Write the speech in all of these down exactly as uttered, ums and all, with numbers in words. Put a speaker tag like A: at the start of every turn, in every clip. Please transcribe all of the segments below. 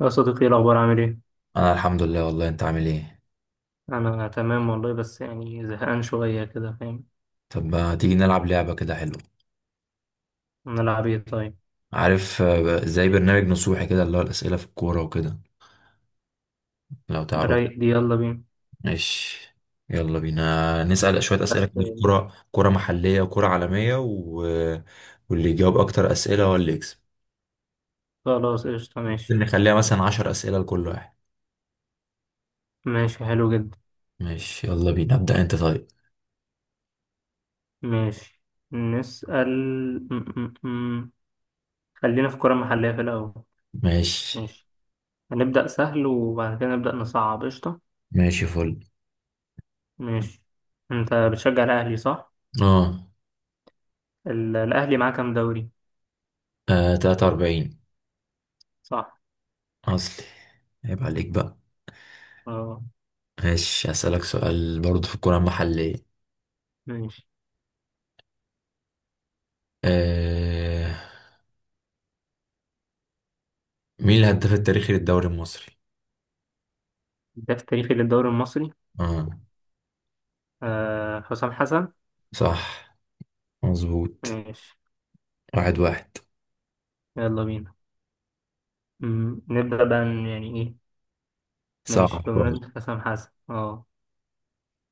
A: يا صديقي، ايه الأخبار، عامل ايه؟
B: انا الحمد لله والله، انت عامل ايه؟
A: أنا تمام والله، بس يعني زهقان شوية كده، فاهم.
B: طب ما تيجي نلعب لعبة كده حلوة.
A: نلعب ايه طيب؟
B: عارف آه، زي برنامج نصوحي كده، اللي هو الأسئلة في الكورة وكده لو تعرف.
A: رايق دي، يلا بينا.
B: ماشي يلا بينا نسأل شوية أسئلة
A: بس.
B: كده في كورة كورة محلية وكورة عالمية و... واللي يجاوب أكتر أسئلة هو اللي يكسب.
A: خلاص، قشطة،
B: ممكن
A: ماشي.
B: نخليها مثلا عشر أسئلة لكل واحد.
A: ماشي، حلو جدا.
B: ماشي يلا بينا، ابدأ أنت طيب.
A: ماشي، نسأل. م- م- م. خلينا في كرة محلية في الأول.
B: ماشي.
A: ماشي. هنبدأ سهل وبعد كده نبدأ نصعب، قشطة.
B: ماشي فل.
A: ماشي. أنت بتشجع الأهلي، صح؟
B: اه.
A: ال- الأهلي معاه كام دوري؟
B: آه، تلاتة وأربعين.
A: صح،
B: أصلي. عيب عليك بقى.
A: اه.
B: ماشي، هسألك سؤال برضه في الكورة المحلية.
A: ماشي،
B: آه مين الهداف التاريخي للدوري المصري؟
A: الهداف التاريخي للدوري المصري؟
B: اه.
A: آه، حسام حسن.
B: صح مظبوط.
A: ماشي،
B: واحد واحد.
A: يلا بينا. مم. نبدأ بقى ن- يعني إيه. ماشي،
B: صعب شوية.
A: بمناسبة حسام حسن، أه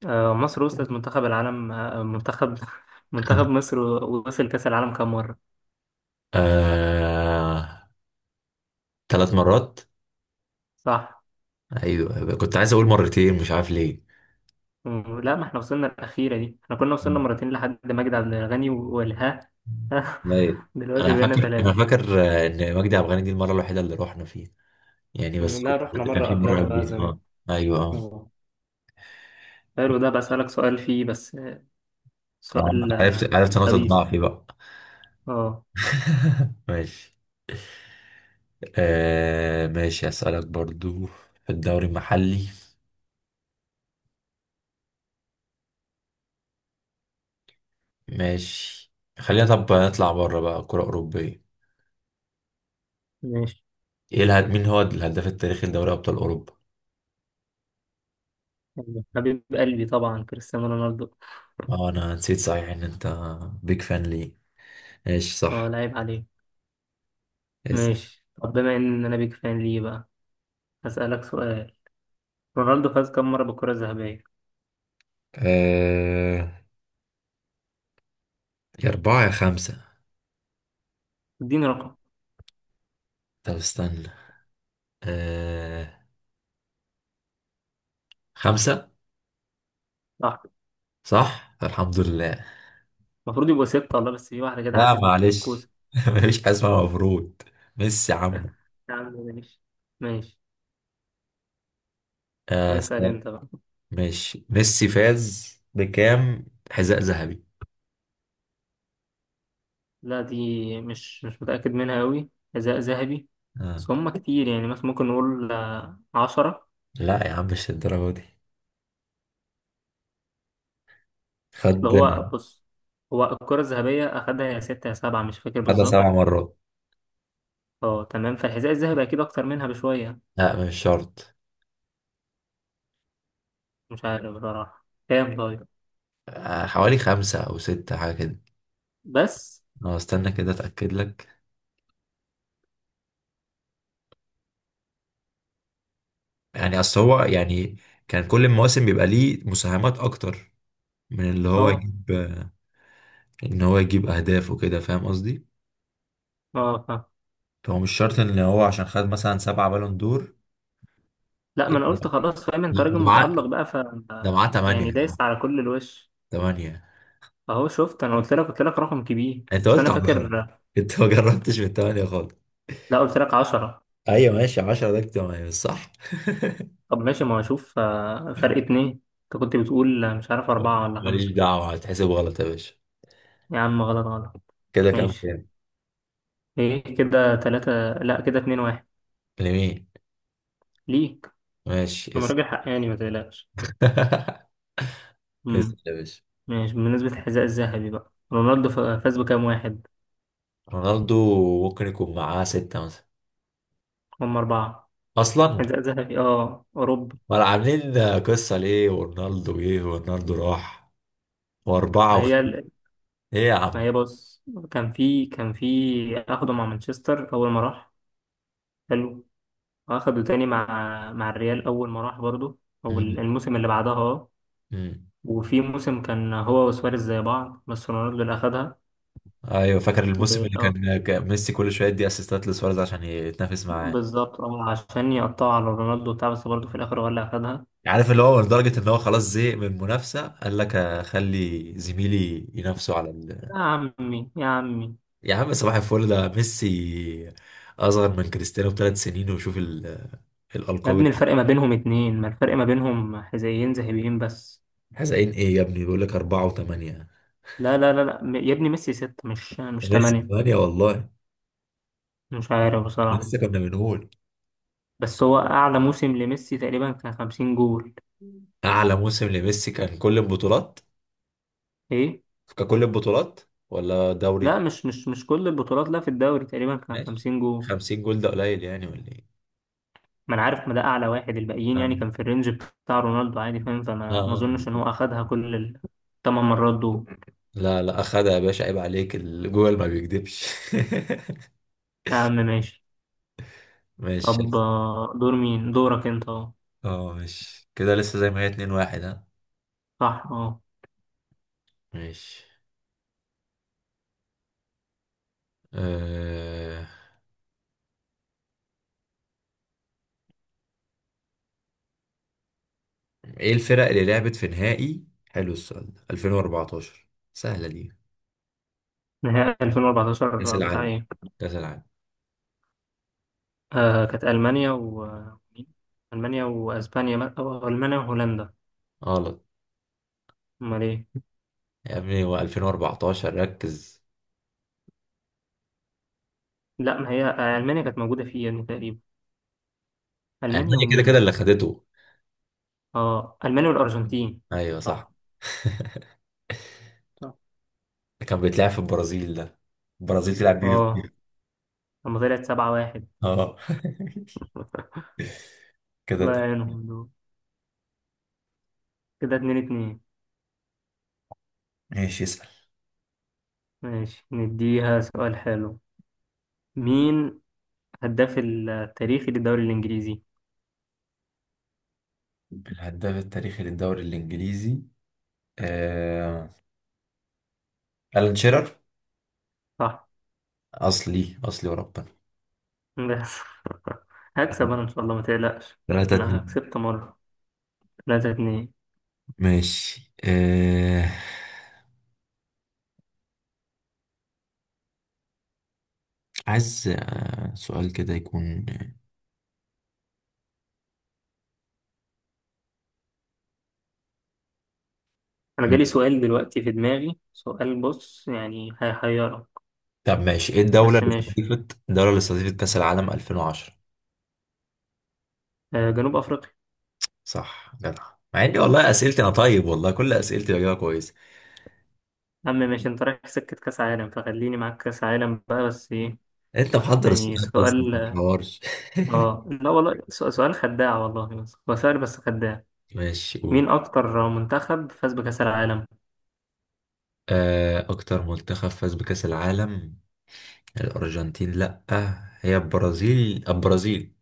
A: آه، مصر وصلت منتخب العالم، آه، منتخب منتخب مصر وصل كأس العالم كام مرة؟
B: آه ثلاث مرات.
A: صح.
B: ايوه، كنت عايز اقول مرتين مش عارف ليه.
A: مم. لا، ما احنا وصلنا الأخيرة دي، احنا كنا وصلنا
B: مم.
A: مرتين لحد مجدي عبد الغني و- والها.
B: طيب.
A: دلوقتي
B: انا
A: بقينا
B: فاكر انا
A: ثلاثة.
B: فاكر آه، ان مجدي عبد الغني دي المره الوحيده اللي رحنا فيها، يعني
A: مم،
B: بس
A: لا،
B: قلت.
A: رحنا
B: كان
A: مرة
B: في مره
A: قبلها بقى
B: قبليها
A: زمان.
B: اه. ايوه اه.
A: أه. حلو ده، بسألك سؤال فيه بس آه،
B: آه،
A: سؤال
B: عرفت
A: آه،
B: عرفت نقطه
A: خبيث،
B: ضعفي بقى.
A: أه.
B: ماشي. آه ماشي أسألك برضو في الدوري المحلي. ماشي. خلينا طب نطلع بره بقى كرة أوروبية.
A: ماشي،
B: إيه الهد... مين هو الهداف التاريخي لدوري أبطال أوروبا؟
A: حبيب قلبي طبعا كريستيانو رونالدو.
B: اه، أنا نسيت صحيح إن أنت بيج فان ليه. ماشي
A: أه،
B: صح.
A: لعيب عليه.
B: اسأل.
A: ماشي، طب بما ان انا بيك فان ليه بقى، هسألك سؤال. رونالدو فاز كم مرة بالكرة الذهبية؟
B: آه... يا أربعة يا خمسة.
A: اديني رقم.
B: طب استنى. آه... خمسة.
A: صح.
B: صح؟ الحمد لله.
A: المفروض يبقوا ستة والله، بس في واحدة كده عدت
B: لا معلش
A: بالكوسة.
B: مفيش حاجة اسمها مفروض. ميسي عمو.
A: يا عم ماشي. ماشي،
B: آه...
A: اسأل انت بقى.
B: ماشي، ميسي فاز بكام حذاء ذهبي؟
A: لا دي، مش مش متأكد منها أوي، حذاء ذهبي.
B: آه.
A: بس هما كتير، يعني مثلا ممكن نقول آه، عشرة.
B: لا يا عم مش الدرجة دي. خد.
A: أصل هو بص، هو الكرة الذهبية أخدها يا ستة يا سبعة، مش فاكر
B: خدها سبع
A: بالظبط.
B: مرات.
A: اه تمام، فالحذاء الذهبي أكيد أكتر منها بشوية.
B: لا مش شرط.
A: مش عارف بصراحة كام طيب.
B: آه، حوالي خمسة أو ستة حاجة كده.
A: بس.
B: أه استنى كده أتأكد لك. يعني أصل هو، يعني كان كل المواسم بيبقى ليه مساهمات أكتر من اللي هو
A: اه.
B: يجيب، آه، إن هو يجيب أهداف وكده، فاهم قصدي؟
A: اه، فاهم.
B: فهو مش شرط إن هو عشان خد مثلا سبعة بالون دور.
A: لا، ما
B: إيه
A: انا
B: ده؟
A: قلت خلاص فاهم، انت راجل
B: ده معاه،
A: متألق بقى ف
B: ده معاه تمانية
A: يعني
B: يا عم.
A: دايس على كل الوش.
B: تمانية.
A: اهو شفت، انا قلت لك قلت لك رقم كبير،
B: انت
A: بس
B: قلت
A: انا
B: عشرة.
A: فاكر.
B: انت ما جربتش من تمانية خالص.
A: لا، قلت لك عشرة.
B: ايوه ماشي، عشرة ده اجتماعي بس صح
A: طب ماشي، ما اشوف آه، فرق اتنين. انت كنت بتقول آه، مش عارف اربعة ولا
B: ماليش
A: خمسة.
B: دعوه، هتحسب غلط يا باشا.
A: يا عم، غلط غلط.
B: كده كام
A: ماشي،
B: كام؟
A: ايه كده، تلاتة؟ لا، كده اتنين واحد.
B: لمين؟
A: ليك.
B: ماشي
A: انا
B: اسم.
A: راجل حقاني، ما تقلقش.
B: اسم
A: امم
B: يا باشا.
A: ماشي، بالنسبة للحذاء الذهبي بقى، رونالدو ف- فاز بكام واحد؟
B: رونالدو ممكن يكون معاه ستة مثلا
A: هم اربعة،
B: اصلا.
A: حذاء ذهبي، اه، اوروبا.
B: ولا عاملين قصه، ليه ورونالدو جه ورونالدو راح، واربعه
A: ما
B: وخ...
A: هي،
B: ايه يا
A: ما
B: عم.
A: هي بص، كان في كان في اخده مع مانشستر اول ما راح، حلو، واخده تاني مع مع الريال اول ما راح برضه، او ال-
B: مم.
A: الموسم اللي بعدها، اه.
B: مم.
A: وفي موسم كان هو وسواريز زي بعض، بس رونالدو اللي اخدها.
B: ايوه فاكر
A: و-
B: الموسم اللي
A: آه،
B: كان كان ميسي كل شويه يدي اسيستات لسواريز عشان يتنافس معاه.
A: بالظبط، اه، عشان يقطعوا على رونالدو بتاع، بس برضه في الاخر هو اللي اخدها.
B: عارف، اللي هو لدرجة ان هو خلاص زهق من المنافسة، قال لك اخلي زميلي ينافسه على ال...
A: يا عمي يا عمي،
B: يا عم صباح الفل، ده ميسي اصغر من كريستيانو بثلاث سنين، وشوف ال...
A: يا
B: الالقاب
A: ابني الفرق
B: اللي-
A: ما بينهم اتنين، ما الفرق ما بينهم حذائيين ذهبيين بس.
B: حزقين ايه يا ابني، بيقول لك اربعة وثمانية.
A: لا لا لا لا، يا ابني ميسي ستة، مش مش
B: ميسي
A: تمانية.
B: ثمانية والله.
A: مش عارف
B: ده
A: بصراحة،
B: لسه كنا بنقول.
A: بس هو اعلى موسم لميسي تقريبا كان خمسين جول.
B: اعلى موسم لميسي كان كل البطولات.
A: ايه؟
B: ككل البطولات، ولا
A: لا،
B: دوري.
A: مش مش مش كل البطولات، لا في الدوري تقريبا كان
B: ماشي،
A: خمسين جول.
B: خمسين جول ده قليل يعني ولا ايه؟
A: ما انا عارف، ما ده اعلى واحد، الباقيين يعني
B: اه.
A: كان في الرينج بتاع رونالدو عادي، فاهم، فما ما
B: اه.
A: اظنش ان هو اخدها كل الثمان مرات دول.
B: لا لا اخدها يا باشا عيب عليك، الجوجل ما بيكذبش.
A: اهم ماشي.
B: ماشي.
A: طب آه، دور مين دورك انت، اه.
B: اه ماشي، كده لسه زي ما هي، اتنين واحد ها.
A: صح، اه.
B: ماشي. آه... ايه الفرق اللي لعبت في نهائي، حلو السؤال ده، ألفين وأربعة عشر؟ سهلة دي.
A: نهائي
B: كأس
A: ألفين وأربعتاشر بتاع
B: العالم.
A: ايه؟
B: كأس العالم.
A: آه كانت المانيا و، مين؟ المانيا واسبانيا، او المانيا وهولندا؟
B: غلط.
A: امال ايه؟
B: يا ابني هو ألفين وأربعة عشر ركز.
A: لا، ما هي آه، المانيا كانت موجوده فيه يعني تقريبا. المانيا
B: ألمانيا كده كده
A: ومين؟
B: اللي خدته.
A: اه، المانيا والارجنتين.
B: ايوه صح
A: صح. صح،
B: كان بيتلعب في البرازيل ده. البرازيل تلعب بيه.
A: اه، لما طلعت سبعة واحد.
B: اه كده.
A: الله يعينهم دول. كده اتنين اتنين.
B: ماشي اسأل.
A: ماشي، نديها سؤال حلو، مين هداف التاريخي للدوري الإنجليزي؟
B: الهداف التاريخي للدوري الإنجليزي. آه... ألان شيرر.
A: صح.
B: أصلي أصلي وربنا.
A: بس هكسب أنا إن شاء الله، ما تقلقش.
B: ثلاثة
A: أنا
B: اتنين.
A: كسبت مرة. تلاتة اتنين.
B: ماشي. آه... عايز آه... سؤال كده يكون.
A: أنا جالي سؤال دلوقتي في دماغي، سؤال بص يعني هيحيرك.
B: طب ماشي، ايه الدولة
A: بس
B: اللي
A: ماشي.
B: استضيفت، الدولة اللي استضيفت كأس العالم ألفين وعشرة؟
A: آه، جنوب أفريقيا.
B: صح جدع. مع اني والله اسئلتي انا طيب، والله كل اسئلتي بجاوبها كويس.
A: يا عم ماشي، أنت رايح في سكة كأس عالم فخليني معاك كأس عالم بقى، بس إيه؟
B: انت محضر
A: يعني
B: السؤال اصلا
A: سؤال.
B: ما تحورش.
A: اه لا والله، سؤ- سؤال خداع والله، بس هو سؤال بس خداع.
B: ماشي قول.
A: مين اكتر منتخب فاز بكأس العالم؟
B: آه... اكتر منتخب فاز بكأس العالم. الأرجنتين، لأ. هي البرازيل البرازيل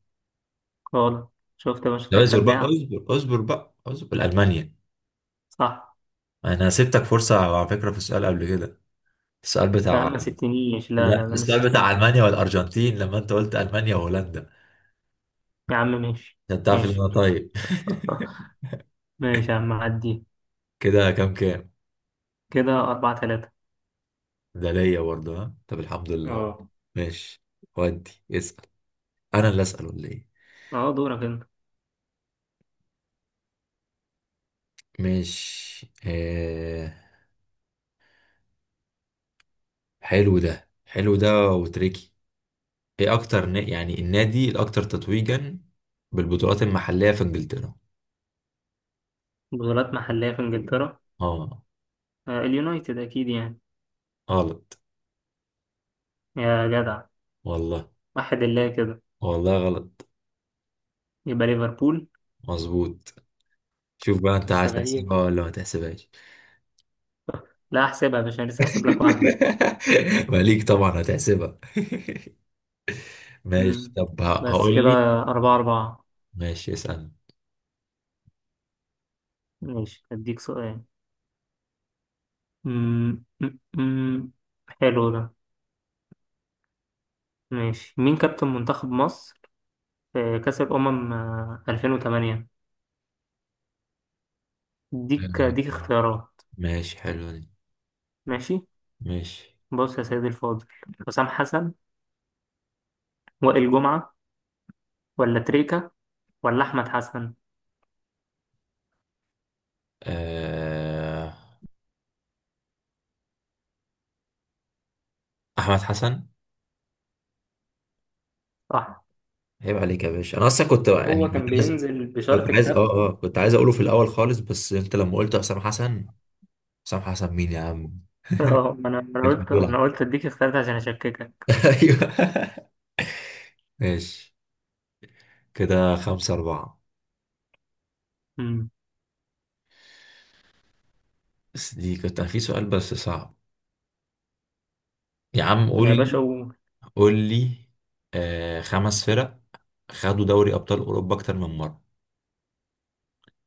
A: غلط، شفت يا باشا، ده
B: لا اصبر بقى،
A: خداع.
B: اصبر اصبر بقى اصبر، ألمانيا.
A: صح.
B: أنا سبتك فرصة على فكرة في السؤال قبل كده. السؤال
A: لا
B: بتاع،
A: ما سبتنيش، لا
B: لا
A: لا لا ما
B: السؤال بتاع
A: سبتنيش.
B: ألمانيا والأرجنتين لما أنت قلت ألمانيا وهولندا.
A: يا عم ماشي.
B: عشان تعرف إن أنا
A: ماشي.
B: طيب
A: ماشي يا عم عدي.
B: كده كام كام؟
A: كده أربعة تلاتة.
B: ده ليا برضه ها، طب الحمد لله.
A: اه.
B: ماشي. ودي اسأل. أنا اللي أسأل ولا إيه؟
A: اه، دورك انت.
B: ماشي. آه... حلو ده حلو ده وتريكي. ايه اكتر ن... يعني النادي الاكتر تتويجا بالبطولات المحلية في انجلترا؟
A: بطولات محلية في انجلترا؟
B: اه.
A: آه، اليونايتد اكيد يعني.
B: غلط
A: يا جدع.
B: والله.
A: واحد الله كده.
B: والله غلط.
A: يبقى ليفربول.
B: مظبوط. شوف بقى انت
A: بس
B: عايز
A: غريب.
B: تحسبها ولا ما تحسبهاش.
A: لا احسبها يا باشا، لسه هحسب لك واحدة.
B: ماليك طبعا هتحسبها. ماشي
A: مم.
B: طب، ه-
A: بس
B: هقول
A: كده،
B: لي.
A: أربعة أربعة.
B: ماشي اسأل.
A: ماشي أديك سؤال. مم، مم، مم. حلو ده. ماشي، مين كابتن منتخب مصر في كأس الأمم آه، ألفين وتمانية؟ ديك ديك اختيارات.
B: ماشي، حلو دي.
A: ماشي.
B: ماشي.
A: بص يا سيدي الفاضل، حسام حسن، وائل جمعة، ولا تريكة، ولا أحمد حسن؟
B: آه... احمد حسن.
A: صح.
B: عيب عليك يا باشا، انا اصلا كنت، يعني،
A: هو
B: كنت
A: كان
B: عايز
A: بينزل
B: كنت
A: بشرط
B: عايز اه
A: كابتن.
B: اه كنت عايز اقوله في الاول خالص، بس انت لما قلت حسام حسن. حسام حسن مين يا عم.
A: اه، أنا أنا
B: كانش
A: قلت
B: بيلعب.
A: أنا قلت أديك اختيارات عشان أشككك.
B: ايوه ماشي. كده خمسة أربعة.
A: أمم.
B: بس دي كنت في سؤال بس صعب. يا عم قول
A: يا باشا
B: لي
A: قول.
B: قول لي. آه خمس فرق خدوا دوري أبطال أوروبا أكتر من مرة.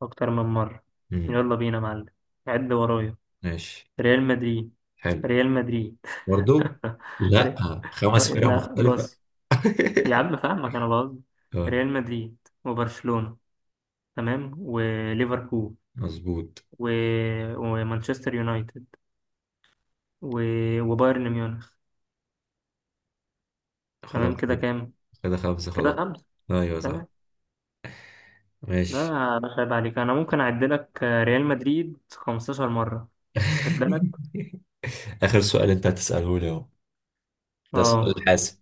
A: أكتر من مرة.
B: امم.
A: يلا بينا يا معلم، عد ورايا.
B: ماشي
A: ريال مدريد.
B: حلو.
A: ريال مدريد.
B: برضو. لا،
A: ري-
B: خمس فرق
A: لا
B: مختلفة.
A: بص، يا عم فاهمك، انا بقصد
B: اه
A: ريال مدريد، وبرشلونة، تمام، وليفربول،
B: مظبوط.
A: و... ومانشستر يونايتد، و... وبايرن ميونخ.
B: خلاص
A: تمام، كده
B: كده.
A: كام؟
B: كده خمسة خلاص.
A: كده خمسة.
B: ايوه صح.
A: تمام. لا،
B: ماشي.
A: يا باشا عيب عليك، انا ممكن اعد لك ريال مدريد خمسة عشر مرة. خد بالك.
B: آخر سؤال أنت هتسأله لي أهو. ده
A: اه.
B: السؤال الحاسم.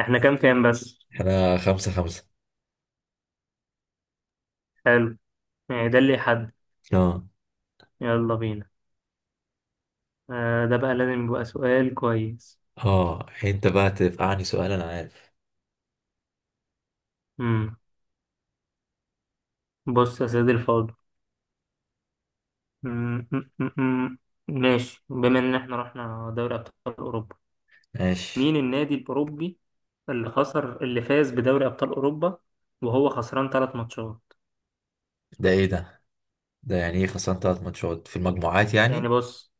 A: احنا كام كام بس؟
B: احنا خمسة خمسة.
A: حلو، يعني ده اللي يحدد.
B: اه.
A: يلا بينا. آه، ده بقى لازم يبقى سؤال كويس.
B: اه يعني انت بقى تفقعني سؤال، انا عارف.
A: امم. بص يا سيدي الفاضل. م- م- م- م. ماشي، بما ان احنا رحنا دوري ابطال اوروبا، مين
B: ماشي.
A: النادي الاوروبي اللي خسر اللي فاز بدوري ابطال اوروبا وهو خسران ثلاث ماتشات؟
B: ده ايه ده؟ ده يعني ايه، خسران ثلاث ماتشات في المجموعات
A: يعني
B: يعني؟
A: بص،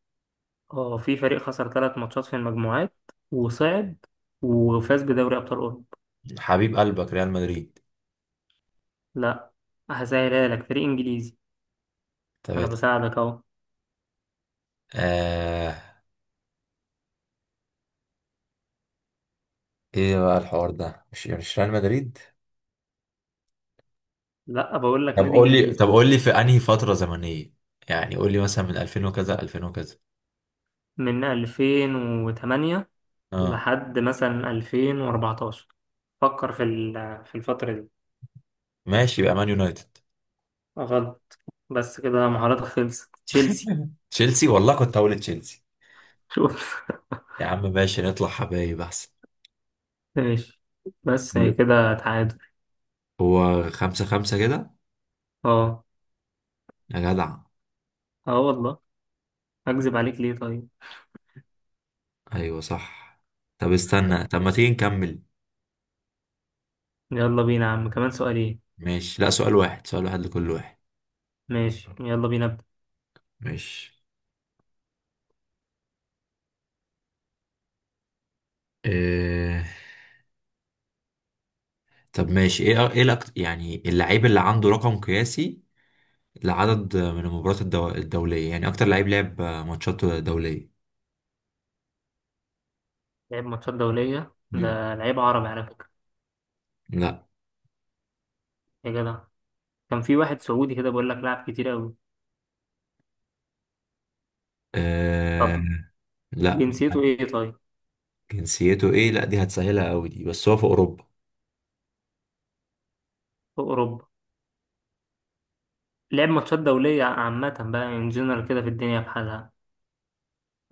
A: اه، في فريق خسر ثلاث ماتشات في المجموعات، وصعد وفاز بدوري ابطال اوروبا.
B: حبيب قلبك ريال مدريد.
A: لا. هسهلها لك، فريق انجليزي.
B: طب.
A: انا بساعدك اهو.
B: آه. ايه بقى الحوار ده، مش مش ريال مدريد.
A: لا، بقول لك
B: طب
A: نادي
B: قول لي،
A: انجليزي،
B: طب قول لي في انهي فترة زمنية. يعني قول لي مثلا من ألفين وكذا ألفين وكذا.
A: من ألفين وتمانية
B: اه
A: لحد مثلا ألفين وأربعتاشر، فكر في ال- في الفترة دي.
B: ماشي يبقى مان يونايتد.
A: غلط. بس كده مهاراتك خلصت. تشيلسي.
B: تشيلسي، والله كنت هقول تشيلسي.
A: شوف.
B: يا عم ماشي نطلع حبايب احسن.
A: ماشي. بس هي كده تعادل،
B: هو خمسة خمسة كده.
A: اه.
B: يا جدع.
A: اه والله، اكذب عليك ليه طيب.
B: ايوه صح. طب استنى، طب ما تيجي نكمل.
A: يلا بينا يا عم، كمان سؤالين.
B: ماشي، لا، سؤال واحد سؤال واحد لكل واحد.
A: ماشي، يلا بينا ابدا.
B: ماشي. إيه... طب ماشي، ايه ايه الأك... يعني اللعيب اللي عنده رقم قياسي لعدد من المباريات الدو... الدولية، يعني اكتر لعيب لعب ماتشات دولية.
A: لعب ماتشات دولية،
B: مم.
A: ده لعيب عربي على فكرة.
B: لا.
A: يا جدع، كان في واحد سعودي كده بيقول لك لعب كتير قوي.
B: إيه...
A: طب
B: لا.
A: جنسيته ايه طيب،
B: جنسيته ايه؟ لا دي هتسهلها قوي دي، بس هو في اوروبا.
A: في اوروبا؟ لعب ماتشات دولية عامة بقى، ان جنرال كده، في الدنيا بحالها،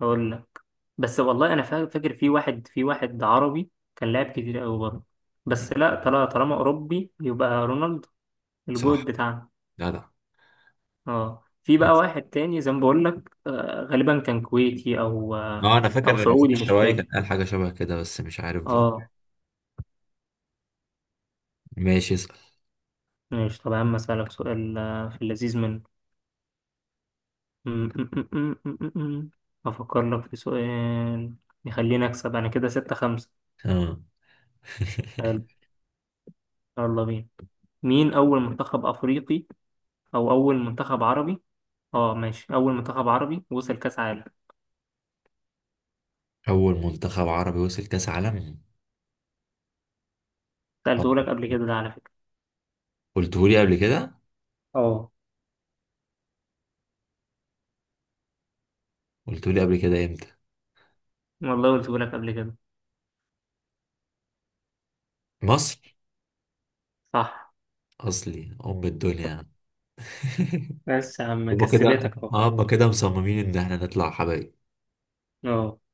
A: اقول لك. بس والله انا فا- فاكر في واحد في واحد عربي كان لاعب كتير قوي برضه.
B: مم.
A: بس لا، طالما طالما اوروبي يبقى رونالدو، الجود
B: صح.
A: بتاعنا.
B: لا لا.
A: اه، في بقى واحد تاني زي ما بقول لك، آه غالبا كان كويتي، او
B: ما
A: آه
B: انا
A: او
B: فاكر بتاع
A: سعودي مش
B: الشرايك كان
A: فاكر.
B: قال حاجة شبه كده بس مش عارف بقى.
A: اه.
B: ماشي اسأل.
A: ماشي، طب يا عم اسالك سؤال آه، في اللذيذ منه. م- م- م- م- م- م- م. افكر لك في سؤال يخليني اكسب انا، كده ستة خمسة.
B: اه.
A: حلو، يلا بينا. مين اول منتخب افريقي او اول منتخب عربي، اه ماشي، اول منتخب عربي وصل كاس عالم؟
B: أول منتخب عربي وصل كأس عالم. طب.
A: سالته لك قبل كده ده على فكره.
B: قلتهولي قبل كده.
A: اه
B: قلتهولي قبل كده إمتى؟
A: والله قلته لك قبل كده.
B: مصر.
A: صح.
B: أصلي أم الدنيا.
A: بس يا عم
B: هما كده.
A: كسبتك اهو.
B: هما كده مصممين إن إحنا نطلع حبايب.
A: اه.